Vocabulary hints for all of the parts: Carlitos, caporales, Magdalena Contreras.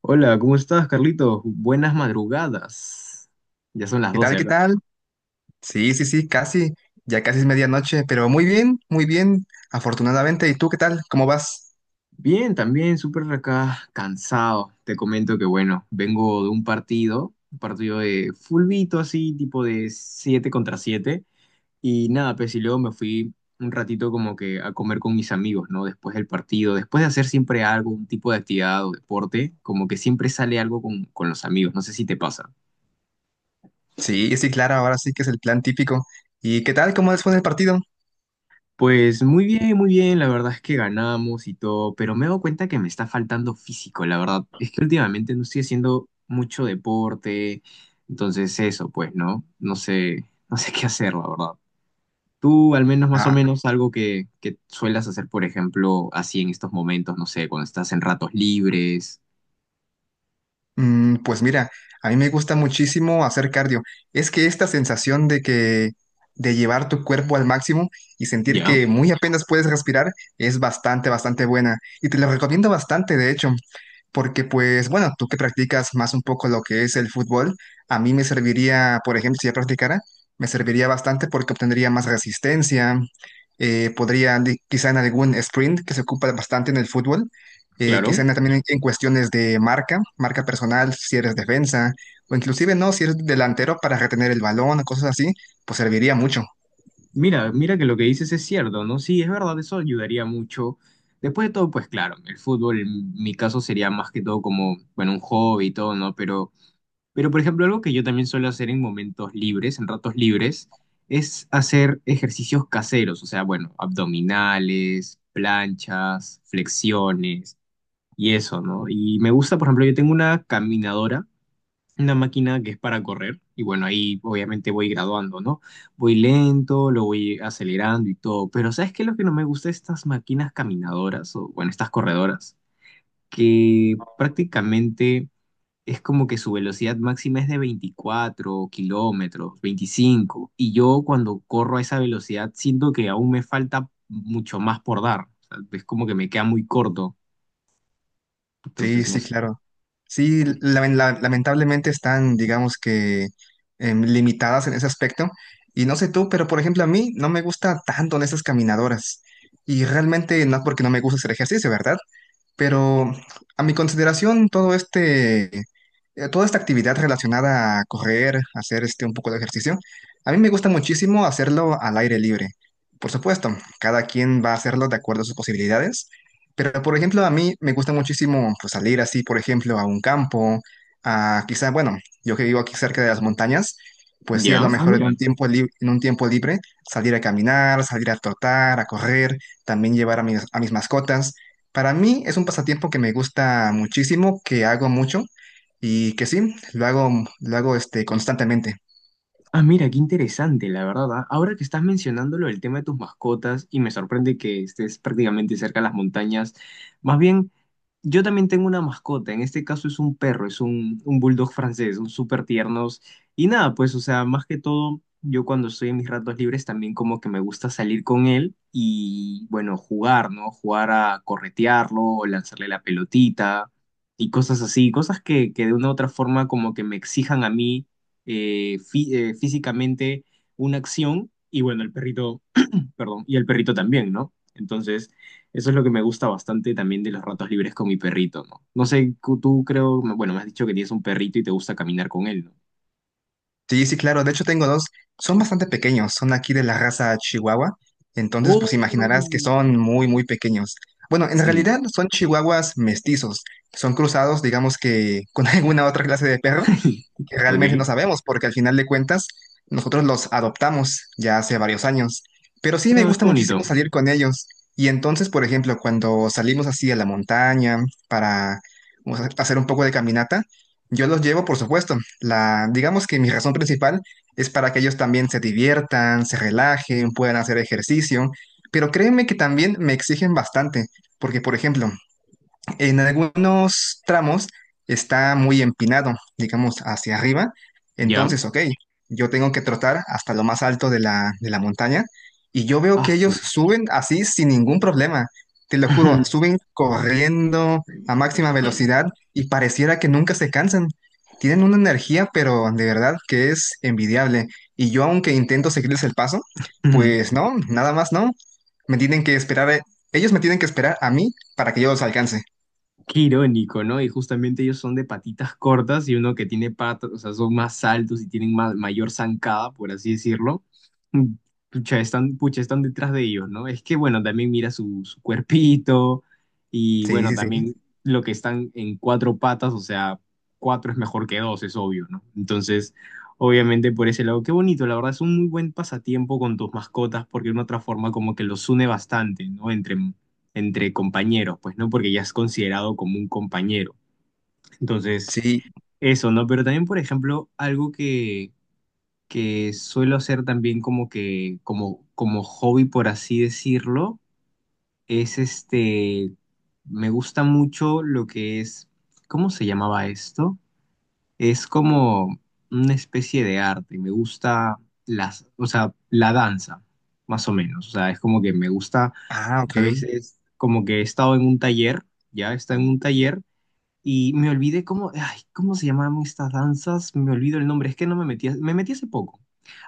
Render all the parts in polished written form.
Hola, ¿cómo estás, Carlitos? Buenas madrugadas. Ya son las ¿Qué tal? 12 ¿Qué acá. tal? Sí, sí, sí, casi. Ya casi es medianoche, pero muy bien, afortunadamente. ¿Y tú qué tal? ¿Cómo vas? Bien, también súper acá cansado. Te comento que, bueno, vengo de un partido de fulbito así, tipo de 7 contra siete. Y nada, pues y luego me fui un ratito como que a comer con mis amigos, ¿no? Después del partido, después de hacer siempre algo, un tipo de actividad o deporte, como que siempre sale algo con los amigos. No sé si te pasa. Sí, sí, claro, ahora sí que es el plan típico. ¿Y qué tal? ¿Cómo les fue en el partido? Pues muy bien, la verdad es que ganamos y todo, pero me he dado cuenta que me está faltando físico, la verdad. Es que últimamente no estoy haciendo mucho deporte, entonces eso, pues, ¿no? No sé, no sé qué hacer, la verdad. Tú, al menos más o Ah, menos, algo que suelas hacer, por ejemplo, así en estos momentos, no sé, cuando estás en ratos libres. Pues mira, a mí me gusta muchísimo hacer cardio. Es que esta sensación de que de llevar tu cuerpo al máximo y sentir Ya, que muy apenas puedes respirar es bastante, bastante buena. Y te lo recomiendo bastante, de hecho, porque pues bueno, tú que practicas más un poco lo que es el fútbol, a mí me serviría, por ejemplo, si ya practicara, me serviría bastante porque obtendría más resistencia, podría quizá en algún sprint que se ocupa bastante en el fútbol, claro. quizás también en cuestiones de marca, marca personal, si eres defensa, o inclusive no, si eres delantero para retener el balón o cosas así, pues serviría mucho. Mira, mira que lo que dices es cierto, ¿no? Sí, es verdad, eso ayudaría mucho. Después de todo, pues claro, el fútbol en mi caso sería más que todo como, bueno, un hobby y todo, ¿no? Pero por ejemplo, algo que yo también suelo hacer en momentos libres, en ratos libres, es hacer ejercicios caseros, o sea, bueno, abdominales, planchas, flexiones y eso, ¿no? Y me gusta, por ejemplo, yo tengo una caminadora, una máquina que es para correr, y bueno, ahí obviamente voy graduando, ¿no? Voy lento, lo voy acelerando y todo, pero ¿sabes qué es lo que no me gusta de estas máquinas caminadoras o bueno, estas corredoras? Que prácticamente es como que su velocidad máxima es de 24 kilómetros, 25, y yo cuando corro a esa velocidad siento que aún me falta mucho más por dar, o sea, es como que me queda muy corto, Sí, entonces no sí, sé. claro. Sí, lamentablemente están, digamos que, limitadas en ese aspecto. Y no sé tú, pero por ejemplo a mí no me gusta tanto en esas caminadoras. Y realmente no es porque no me gusta hacer ejercicio, ¿verdad? Pero a mi consideración, toda esta actividad relacionada a correr, hacer este un poco de ejercicio, a mí me gusta muchísimo hacerlo al aire libre. Por supuesto, cada quien va a hacerlo de acuerdo a sus posibilidades, pero por ejemplo, a mí me gusta muchísimo pues, salir así, por ejemplo, a un campo, a quizá, bueno, yo que vivo aquí cerca de las montañas, pues sí, a Ya, lo ah, mejor en mira. En un tiempo libre, salir a caminar, salir a trotar, a correr, también llevar a a mis mascotas. Para mí es un pasatiempo que me gusta muchísimo, que hago mucho y que sí, lo hago este, constantemente. Ah, mira, qué interesante, la verdad. Ah, ahora que estás mencionándolo, el tema de tus mascotas, y me sorprende que estés prácticamente cerca de las montañas. Más bien, yo también tengo una mascota, en este caso es un perro, es un bulldog francés, son súper tiernos. Y nada, pues, o sea, más que todo, yo cuando estoy en mis ratos libres también como que me gusta salir con él y, bueno, jugar, ¿no? Jugar a corretearlo o lanzarle la pelotita y cosas así, cosas que de una u otra forma como que me exijan a mí físicamente una acción y bueno, el perrito, perdón, y el perrito también, ¿no? Entonces, eso es lo que me gusta bastante también de los ratos libres con mi perrito, ¿no? No sé, tú creo, bueno, me has dicho que tienes un perrito y te gusta caminar con él, ¿no? Sí, sí, claro, de hecho tengo dos, son bastante pequeños, son aquí de la raza Chihuahua, entonces pues Oh, imaginarás que son muy, muy pequeños. Bueno, en sí. realidad son chihuahuas mestizos, son cruzados, digamos que con alguna otra clase de perro, que realmente no Ok. sabemos, porque al final de cuentas nosotros los adoptamos ya hace varios años. Pero sí me Ah, gusta qué bonito. muchísimo salir con ellos. Y entonces, por ejemplo, cuando salimos así a la montaña para, o sea, hacer un poco de caminata, yo los llevo, por supuesto. La, digamos que mi razón principal es para que ellos también se diviertan, se relajen, puedan hacer ejercicio. Pero créeme que también me exigen bastante, porque, por ejemplo, en algunos tramos está muy empinado, digamos, hacia arriba. Ya. Entonces, ok, yo tengo que trotar hasta lo más alto de de la montaña y yo veo que Asu. ellos suben así sin ningún problema. Te lo juro, suben corriendo a máxima velocidad y pareciera que nunca se cansan. Tienen una energía, pero de verdad que es envidiable. Y yo, aunque intento seguirles el paso, pues no, nada más no. Me tienen que esperar, ellos me tienen que esperar a mí para que yo los alcance. Qué irónico, ¿no? Y justamente ellos son de patitas cortas y uno que tiene patas, o sea, son más altos y tienen mayor zancada, por así decirlo. Mm. Pucha, están detrás de ellos, ¿no? Es que, bueno, también mira su, cuerpito y, Sí, bueno, sí, sí. también lo que están en cuatro patas, o sea, cuatro es mejor que dos, es obvio, ¿no? Entonces, obviamente por ese lado, qué bonito, la verdad, es un muy buen pasatiempo con tus mascotas porque de una otra forma como que los une bastante, ¿no? Entre compañeros, pues, ¿no? Porque ya es considerado como un compañero. Entonces, Sí. eso, ¿no? Pero también, por ejemplo, algo que suelo hacer también como hobby, por así decirlo, es este, me gusta mucho lo que es, ¿cómo se llamaba esto? Es como una especie de arte, me gusta o sea, la danza, más o menos, o sea, es como que me gusta Ah, ok. a veces como que he estado en un taller, ya está en un taller y me olvidé cómo, ay, ¿cómo se llamaban estas danzas? Me olvido el nombre, es que no me metí, me metí hace poco.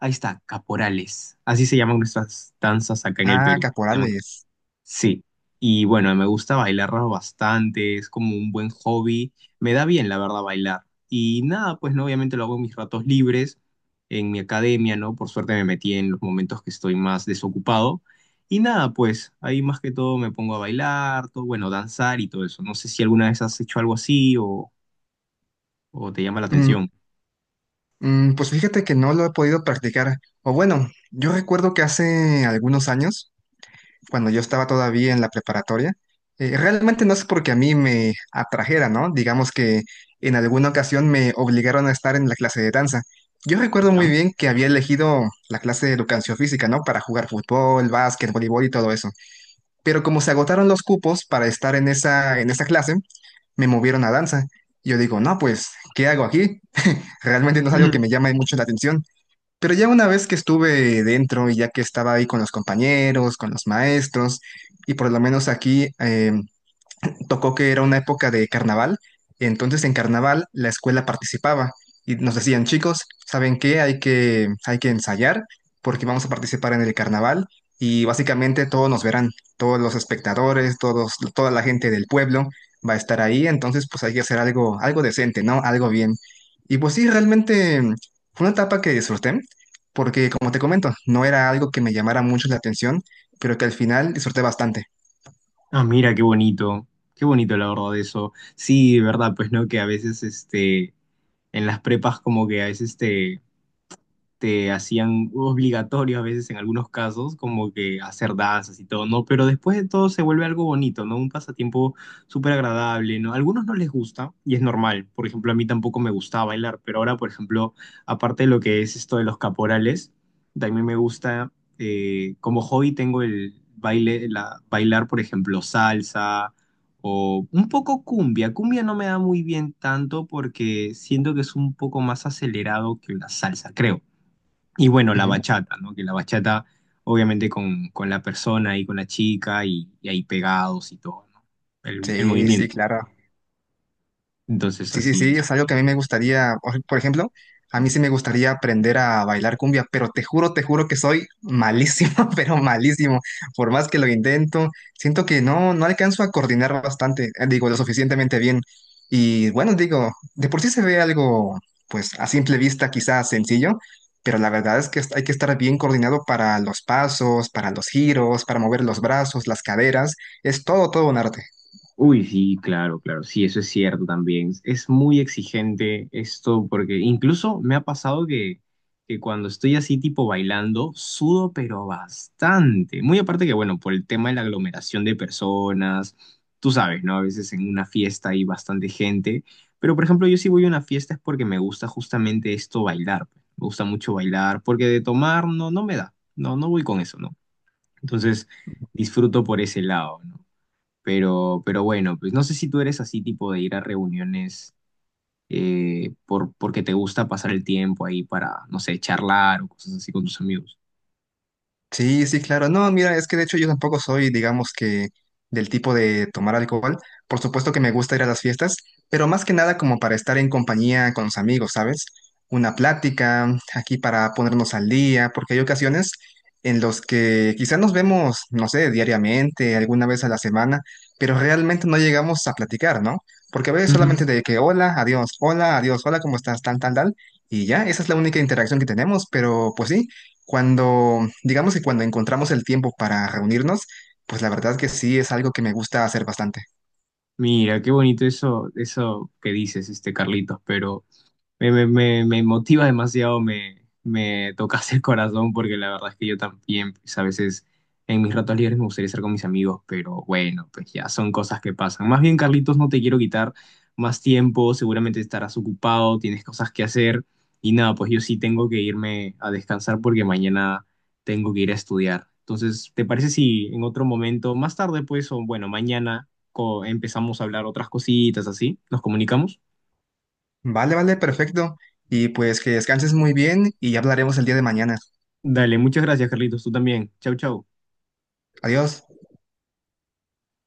Ahí está, caporales. Así se llaman nuestras danzas acá en el Ah, Perú. Se llaman. caporales. Sí, y bueno, me gusta bailar bastante, es como un buen hobby, me da bien la verdad bailar. Y nada, pues no, obviamente lo hago en mis ratos libres, en mi academia, ¿no? Por suerte me metí en los momentos que estoy más desocupado. Y nada, pues ahí más que todo me pongo a bailar, todo, bueno, danzar y todo eso. No sé si alguna vez has hecho algo así o te llama la Mm, atención, pues fíjate que no lo he podido practicar. O bueno, yo recuerdo que hace algunos años, cuando yo estaba todavía en la preparatoria, realmente no es porque a mí me atrajera, ¿no? Digamos que en alguna ocasión me obligaron a estar en la clase de danza. Yo recuerdo muy ¿ya? bien que había elegido la clase de educación física, ¿no? Para jugar fútbol, básquet, voleibol y todo eso. Pero como se agotaron los cupos para estar en esa clase, me movieron a danza. Yo digo, no, pues, ¿qué hago aquí? Realmente no es algo que me llame mucho la atención. Pero ya una vez que estuve dentro y ya que estaba ahí con los compañeros, con los maestros, y por lo menos aquí tocó que era una época de carnaval, entonces en carnaval la escuela participaba y nos decían, chicos, ¿saben qué? Hay que ensayar porque vamos a participar en el carnaval y básicamente todos nos verán, todos los espectadores, todos, toda la gente del pueblo va a estar ahí, entonces pues hay que hacer algo, algo decente, ¿no? Algo bien. Y pues sí, realmente fue una etapa que disfruté, porque como te comento, no era algo que me llamara mucho la atención, pero que al final disfruté bastante. Ah, mira, qué bonito la verdad eso. Sí, de verdad, pues no, que a veces este, en las prepas como que a veces te hacían obligatorio a veces en algunos casos, como que hacer danzas y todo, ¿no? Pero después de todo se vuelve algo bonito, ¿no? Un pasatiempo súper agradable, ¿no? A algunos no les gusta y es normal. Por ejemplo, a mí tampoco me gustaba bailar, pero ahora, por ejemplo, aparte de lo que es esto de los caporales, también me gusta, como hobby tengo el baile, bailar, por ejemplo, salsa. O un poco cumbia. Cumbia no me da muy bien tanto porque siento que es un poco más acelerado que la salsa, creo. Y bueno, la Ujú. bachata, ¿no? Que la bachata, obviamente, con la persona y con la chica y ahí pegados y todo, ¿no? El Sí, sí, movimiento. claro. Entonces, Sí, sí, así. sí, es algo que a mí me gustaría, por ejemplo, a mí sí me gustaría aprender a bailar cumbia, pero te juro que soy malísimo, pero malísimo. Por más que lo intento, siento que no, no alcanzo a coordinar bastante, digo, lo suficientemente bien. Y bueno, digo, de por sí se ve algo, pues a simple vista quizás sencillo, pero la verdad es que hay que estar bien coordinado para los pasos, para los giros, para mover los brazos, las caderas, es todo, todo un arte. Uy, sí, claro, claro, sí, eso es cierto también. Es muy exigente esto porque incluso me ha pasado que cuando estoy así tipo bailando, sudo pero bastante. Muy aparte que, bueno, por el tema de la aglomeración de personas, tú sabes, ¿no? A veces en una fiesta hay bastante gente, pero por ejemplo yo si voy a una fiesta es porque me gusta justamente esto bailar, pues. Me gusta mucho bailar porque de tomar no, no me da, no, no voy con eso, ¿no? Entonces disfruto por ese lado, ¿no? Pero bueno, pues no sé si tú eres así tipo de ir a reuniones porque te gusta pasar el tiempo ahí para, no sé, charlar o cosas así con tus amigos. Sí, sí, claro. No, mira, es que de hecho yo tampoco soy, digamos que, del tipo de tomar alcohol. Por supuesto que me gusta ir a las fiestas, pero más que nada como para estar en compañía con los amigos, ¿sabes? Una plática, aquí para ponernos al día, porque hay ocasiones en los que quizás nos vemos, no sé, diariamente, alguna vez a la semana, pero realmente no llegamos a platicar, ¿no? Porque a veces Mm. solamente de que hola, adiós, hola, adiós, hola, ¿cómo estás? Tal, tal, tal. Y ya, esa es la única interacción que tenemos, pero pues sí. Cuando, digamos que cuando encontramos el tiempo para reunirnos, pues la verdad que sí es algo que me gusta hacer bastante. Mira, qué bonito eso, eso que dices, este Carlitos, pero... Me motiva demasiado, me tocas el corazón porque la verdad es que yo también, pues a veces en mis ratos libres me gustaría estar con mis amigos, pero bueno, pues ya son cosas que pasan. Más bien, Carlitos, no te quiero quitar más tiempo, seguramente estarás ocupado, tienes cosas que hacer y nada, pues yo sí tengo que irme a descansar porque mañana tengo que ir a estudiar. Entonces, ¿te parece si en otro momento, más tarde pues, o bueno, mañana empezamos a hablar otras cositas así? ¿Nos comunicamos? Vale, vale, perfecto. Y pues que descanses muy bien y ya hablaremos el día de mañana. Dale, muchas gracias, Carlitos. Tú también. Chau, chau. Adiós.